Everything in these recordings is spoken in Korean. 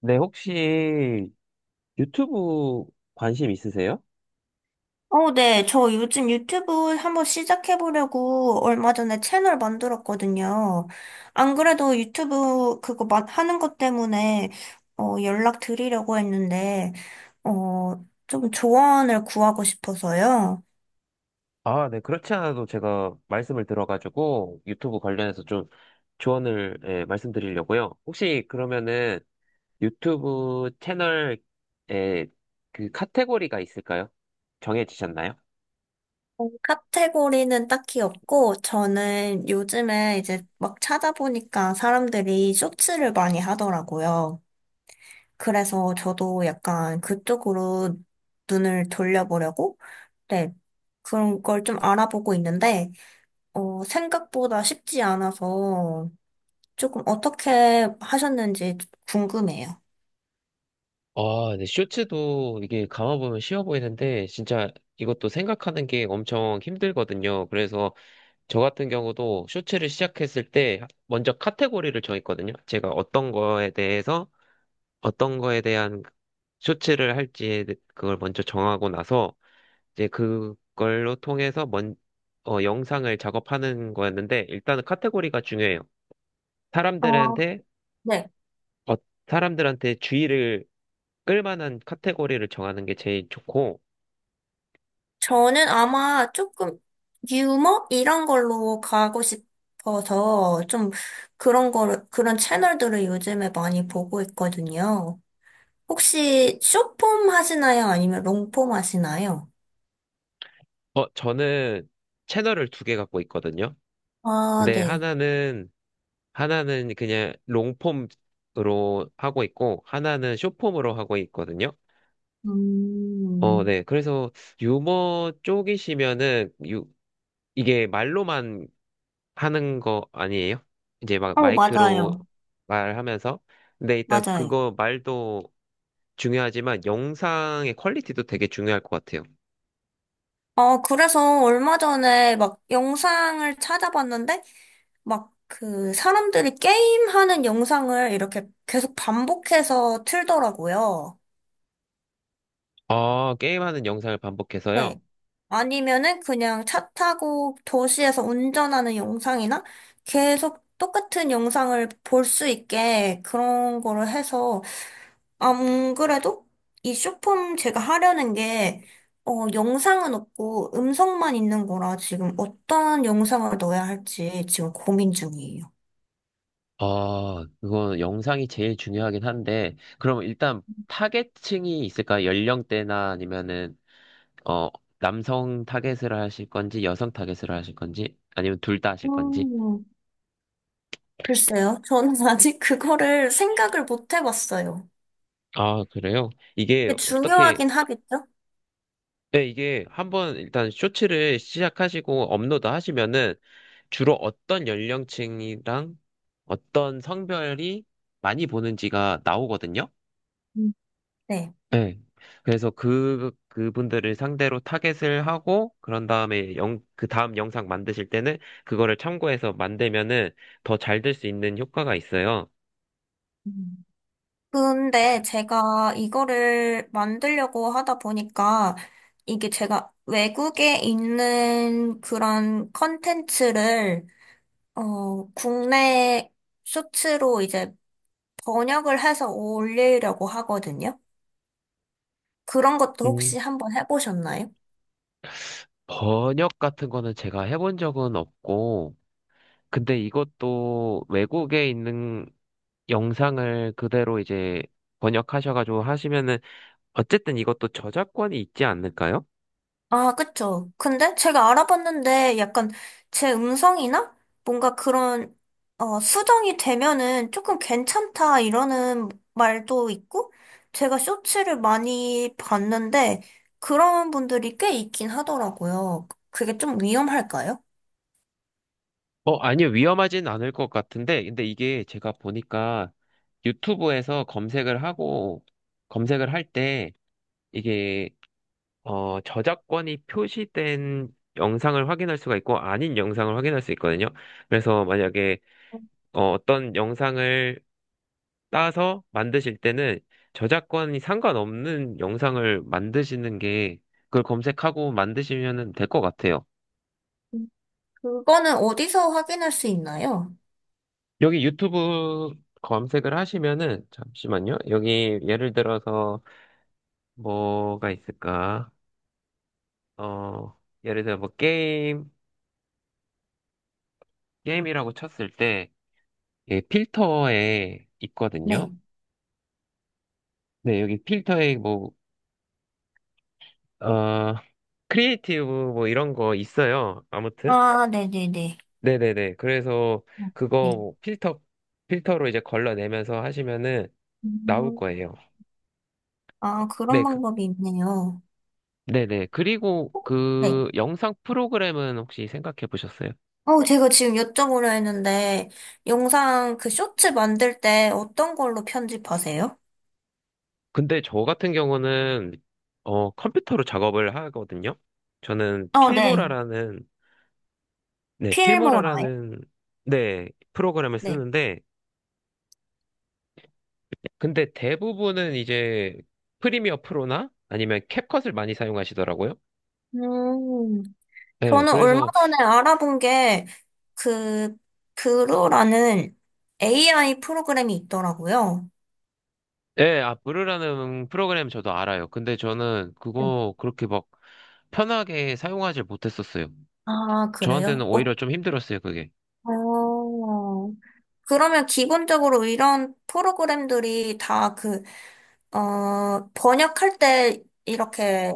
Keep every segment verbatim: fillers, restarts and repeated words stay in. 네, 혹시 유튜브 관심 있으세요? 어, 네. 저 요즘 유튜브 한번 시작해보려고 얼마 전에 채널 만들었거든요. 안 그래도 유튜브 그거 마- 하는 것 때문에 어, 연락 드리려고 했는데, 어, 좀 조언을 구하고 싶어서요. 아, 네, 그렇지 않아도 제가 말씀을 들어가지고 유튜브 관련해서 좀 조언을 예, 말씀드리려고요. 혹시 그러면은 유튜브 채널에 그 카테고리가 있을까요? 정해지셨나요? 어, 카테고리는 딱히 없고, 저는 요즘에 이제 막 찾아보니까 사람들이 쇼츠를 많이 하더라고요. 그래서 저도 약간 그쪽으로 눈을 돌려보려고. 네. 그런 걸 좀 알아보고 있는데, 어, 생각보다 쉽지 않아서 조금 어떻게 하셨는지 궁금해요. 아, 네. 쇼츠도 이게 감아보면 쉬워 보이는데, 진짜 이것도 생각하는 게 엄청 힘들거든요. 그래서 저 같은 경우도 쇼츠를 시작했을 때 먼저 카테고리를 정했거든요. 제가 어떤 거에 대해서 어떤 거에 대한 쇼츠를 할지 그걸 먼저 정하고 나서 이제 그걸로 통해서 먼, 어, 영상을 작업하는 거였는데 일단은 카테고리가 중요해요. 어, 사람들한테 네. 어, 사람들한테 주의를 끌만한 카테고리를 정하는 게 제일 좋고 저는 아마 조금 유머? 이런 걸로 가고 싶어서 좀 그런 거를, 그런 채널들을 요즘에 많이 보고 있거든요. 혹시 쇼폼 하시나요? 아니면 롱폼 하시나요? 어, 저는 채널을 두 개 갖고 있거든요. 아, 근데 네. 하나는 하나는 그냥 롱폼으로 하고 있고, 하나는 숏폼으로 하고 있거든요. 어, 음. 네. 그래서 유머 쪽이시면은, 유, 이게 말로만 하는 거 아니에요? 이제 막 어, 마이크로 맞아요. 말하면서. 근데 일단 맞아요. 그거 말도 중요하지만 영상의 퀄리티도 되게 중요할 것 같아요. 어, 그래서 얼마 전에 막 영상을 찾아봤는데, 막 그 사람들이 게임하는 영상을 이렇게 계속 반복해서 틀더라고요. 어, 게임하는 영상을 반복해서요. 네. 아니면은 그냥 차 타고 도시에서 운전하는 영상이나 계속 똑같은 영상을 볼 수 있게 그런 거를 해서. 안 그래도 이 쇼폼 제가 하려는 게, 어, 영상은 없고 음성만 있는 거라 지금 어떤 영상을 넣어야 할지 지금 고민 중이에요. 아, 그건 영상이 제일 중요하긴 한데, 그럼 일단 타겟층이 있을까? 연령대나 아니면은, 어, 남성 타겟을 하실 건지, 여성 타겟을 하실 건지, 아니면 둘 다 하실 건지? 음, 글쎄요. 저는 아직 그거를 생각을 못 해봤어요. 아, 그래요? 이게 그게 어떻게, 중요하긴 하겠죠? 네, 이게 한번 일단 쇼츠를 시작하시고 업로드 하시면은 주로 어떤 연령층이랑 어떤 성별이 많이 보는지가 나오거든요? 음. 네. 네. 그래서 그, 그분들을 상대로 타겟을 하고, 그런 다음에 영, 그 다음 영상 만드실 때는 그거를 참고해서 만들면은 더 잘 될 수 있는 효과가 있어요. 음. 근데 제가 이거를 만들려고 하다 보니까 이게 제가 외국에 있는 그런 컨텐츠를 어, 국내 쇼츠로 이제 번역을 해서 올리려고 하거든요. 그런 것도 음, 혹시 한번 해보셨나요? 번역 같은 거는 제가 해본 적은 없고, 근데 이것도 외국에 있는 영상을 그대로 이제 번역하셔가지고 하시면은, 어쨌든 이것도 저작권이 있지 않을까요? 아, 그쵸. 근데 제가 알아봤는데 약간 제 음성이나 뭔가 그런, 어, 수정이 되면은 조금 괜찮다 이러는 말도 있고, 제가 쇼츠를 많이 봤는데 그런 분들이 꽤 있긴 하더라고요. 그게 좀 위험할까요? 어, 아니요. 위험하진 않을 것 같은데, 근데 이게 제가 보니까 유튜브에서 검색을 하고, 검색을 할 때, 이게, 어, 저작권이 표시된 영상을 확인할 수가 있고, 아닌 영상을 확인할 수 있거든요. 그래서 만약에, 어, 어떤 영상을 따서 만드실 때는 저작권이 상관없는 영상을 만드시는 게, 그걸 검색하고 만드시면 될 것 같아요. 그거는 어디서 확인할 수 있나요? 여기 유튜브 검색을 하시면은, 잠시만요. 여기 예를 들어서 뭐가 있을까? 어, 예를 들어 뭐 게임, 게임이라고 쳤을 때, 예, 필터에 있거든요. 네. 네, 여기 필터에 뭐, 어, 크리에이티브 뭐 이런 거 있어요. 아무튼. 아, 네네네. 네네네. 그래서 어, 네. 그거 필터, 필터로 이제 걸러내면서 하시면은 나올 음. 거예요. 아, 그런 네, 그 방법이 있네요. 네네. 그리고 네. 그 영상 프로그램은 혹시 생각해 보셨어요? 어, 제가 지금 여쭤보려 했는데, 영상 그 쇼츠 만들 때 어떤 걸로 편집하세요? 근데 저 같은 경우는 어 컴퓨터로 작업을 하거든요. 저는 어, 네. 필모라라는 네, 필모라요? 필모라라는 네, 프로그램을 네. 쓰는데 근데 대부분은 이제 프리미어 프로나 아니면 캡컷을 많이 사용하시더라고요. 음, 네, 저는 얼마 그래서 전에 알아본 게, 그, 그루라는 에이아이 프로그램이 있더라고요. 네, 아 브루라는 프로그램 저도 알아요. 근데 저는 네. 그거 그렇게 막 편하게 사용하지 못했었어요. 아, 그래요? 저한테는 어. 오히려 좀 힘들었어요, 그게. 어, 그러면 기본적으로 이런 프로그램들이 다 그, 어, 번역할 때 이렇게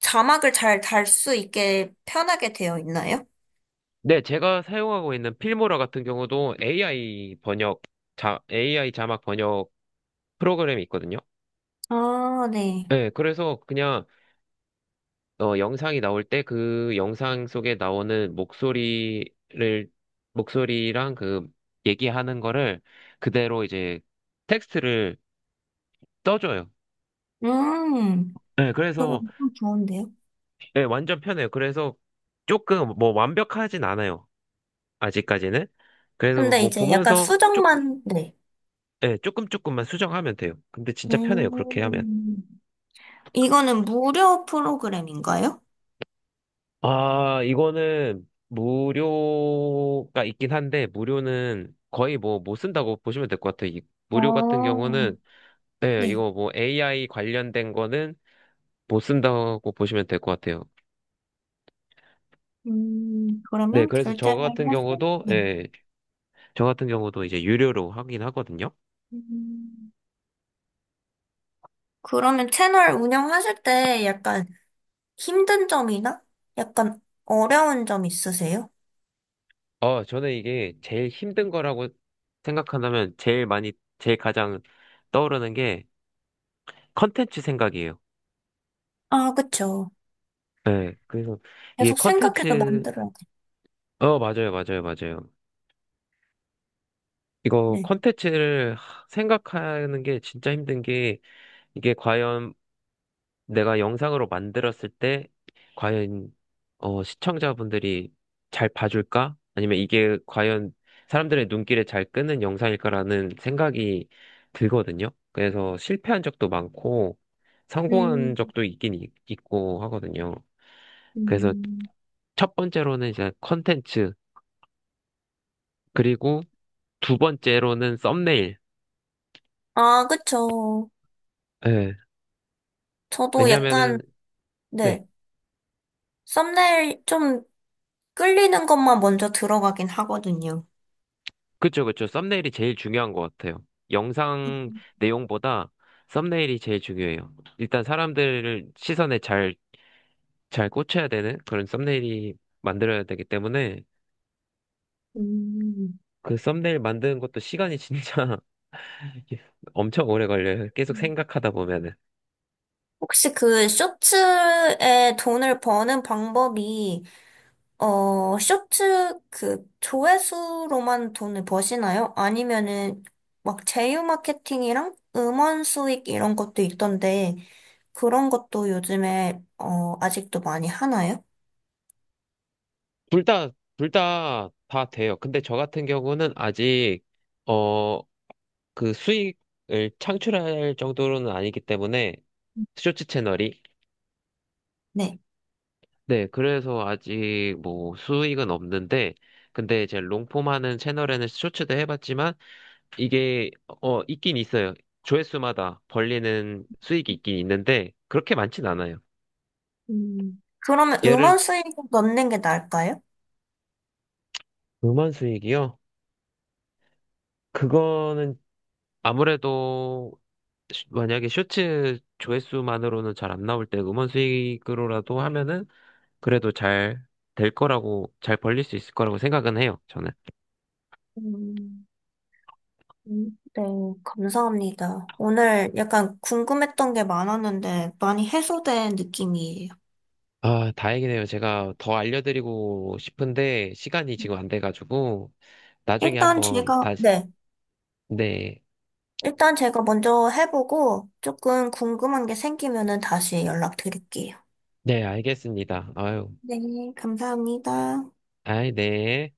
자막을 잘 달 수 있게 편하게 되어 있나요? 네, 제가 사용하고 있는 필모라 같은 경우도 에이아이 번역, 자, 에이아이 자막 번역 프로그램이 있거든요. 아, 네. 네, 그래서 그냥 어, 영상이 나올 때 그 영상 속에 나오는 목소리를, 목소리랑 그 얘기하는 거를 그대로 이제 텍스트를 써줘요. 음, 네, 그거 그래서 엄청 좋은데요? 네, 완전 편해요. 그래서 조금 뭐 완벽하진 않아요. 아직까지는. 그래서 근데 뭐 이제 약간 보면서 조금 수정만, 네. 네, 조금 조금만 수정하면 돼요. 근데 진짜 편해요. 그렇게 하면. 음, 이거는 무료 프로그램인가요? 아, 이거는 무료가 있긴 한데, 무료는 거의 뭐 못 쓴다고 보시면 될 것 같아요. 이 무료 같은 아, 경우는, 네, 네. 이거 뭐 에이아이 관련된 거는 못 쓴다고 보시면 될 것 같아요. 음, 네, 그러면 그래서 저 결제를 같은 해서, 경우도, 네. 예, 저 같은 경우도 이제 유료로 하긴 하거든요. 음, 그러면 채널 운영하실 때 약간 힘든 점이나 약간 어려운 점 있으세요? 어, 저는 이게 제일 힘든 거라고 생각한다면 제일 많이, 제일 가장 떠오르는 게 컨텐츠 생각이에요. 아, 그쵸. 네, 그래서 이게 계속 생각해서 컨텐츠, 만들어야 돼. 어, 맞아요, 맞아요, 맞아요. 이거 네. 컨텐츠를 하- 생각하는 게 진짜 힘든 게 이게 과연 내가 영상으로 만들었을 때 과연 어, 시청자분들이 잘 봐줄까? 아니면 이게 과연 사람들의 눈길에 잘 끄는 영상일까라는 생각이 들거든요. 그래서 실패한 적도 많고 성공한 음. 적도 있긴 있- 있고 하거든요. 그래서 음. 첫 번째로는 이제 컨텐츠 그리고 두 번째로는 썸네일. 아, 그쵸. 예. 저도 약간, 왜냐면은, 네. 네. 썸네일 좀 끌리는 것만 먼저 들어가긴 하거든요. 그쵸, 그쵸. 썸네일이 제일 중요한 것 같아요. 영상 내용보다 썸네일이 제일 중요해요. 일단 사람들을 시선에 잘, 잘 꽂혀야 되는 그런 썸네일이 만들어야 되기 때문에 음. 그 썸네일 만드는 것도 시간이 진짜 엄청 오래 걸려요. 계속 생각하다 보면은. 혹시 그 쇼츠에 돈을 버는 방법이, 어, 쇼츠 그 조회수로만 돈을 버시나요? 아니면은 막 제휴 마케팅이랑 음원 수익 이런 것도 있던데 그런 것도 요즘에 어, 아직도 많이 하나요? 둘 다, 둘 다, 다 돼요. 근데 저 같은 경우는 아직, 어, 그 수익을 창출할 정도로는 아니기 때문에 쇼츠 채널이. 네. 네, 그래서 아직 뭐 수익은 없는데, 근데 제 롱폼 하는 채널에는 쇼츠도 해봤지만, 이게, 어, 있긴 있어요. 조회수마다 벌리는 수익이 있긴 있는데, 그렇게 많진 않아요. 음, 그러면 예를, 음원 수익 넣는 게 나을까요? 음원 수익이요? 그거는 아무래도, 슈- 만약에 쇼츠 조회수만으로는 잘 안 나올 때 음원 수익으로라도 하면은, 그래도 잘 될 거라고, 잘 벌릴 수 있을 거라고 생각은 해요, 저는. 음. 음. 네, 감사합니다. 오늘 약간 궁금했던 게 많았는데 많이 해소된 느낌이에요. 아, 다행이네요. 제가 더 알려드리고 싶은데, 시간이 지금 안 돼가지고, 나중에 일단 한번 제가, 다시, 네. 네, 일단 제가 먼저 해보고 조금 궁금한 게 생기면은 다시 연락드릴게요. 네, 알겠습니다. 아유, 네, 감사합니다. 아이, 네.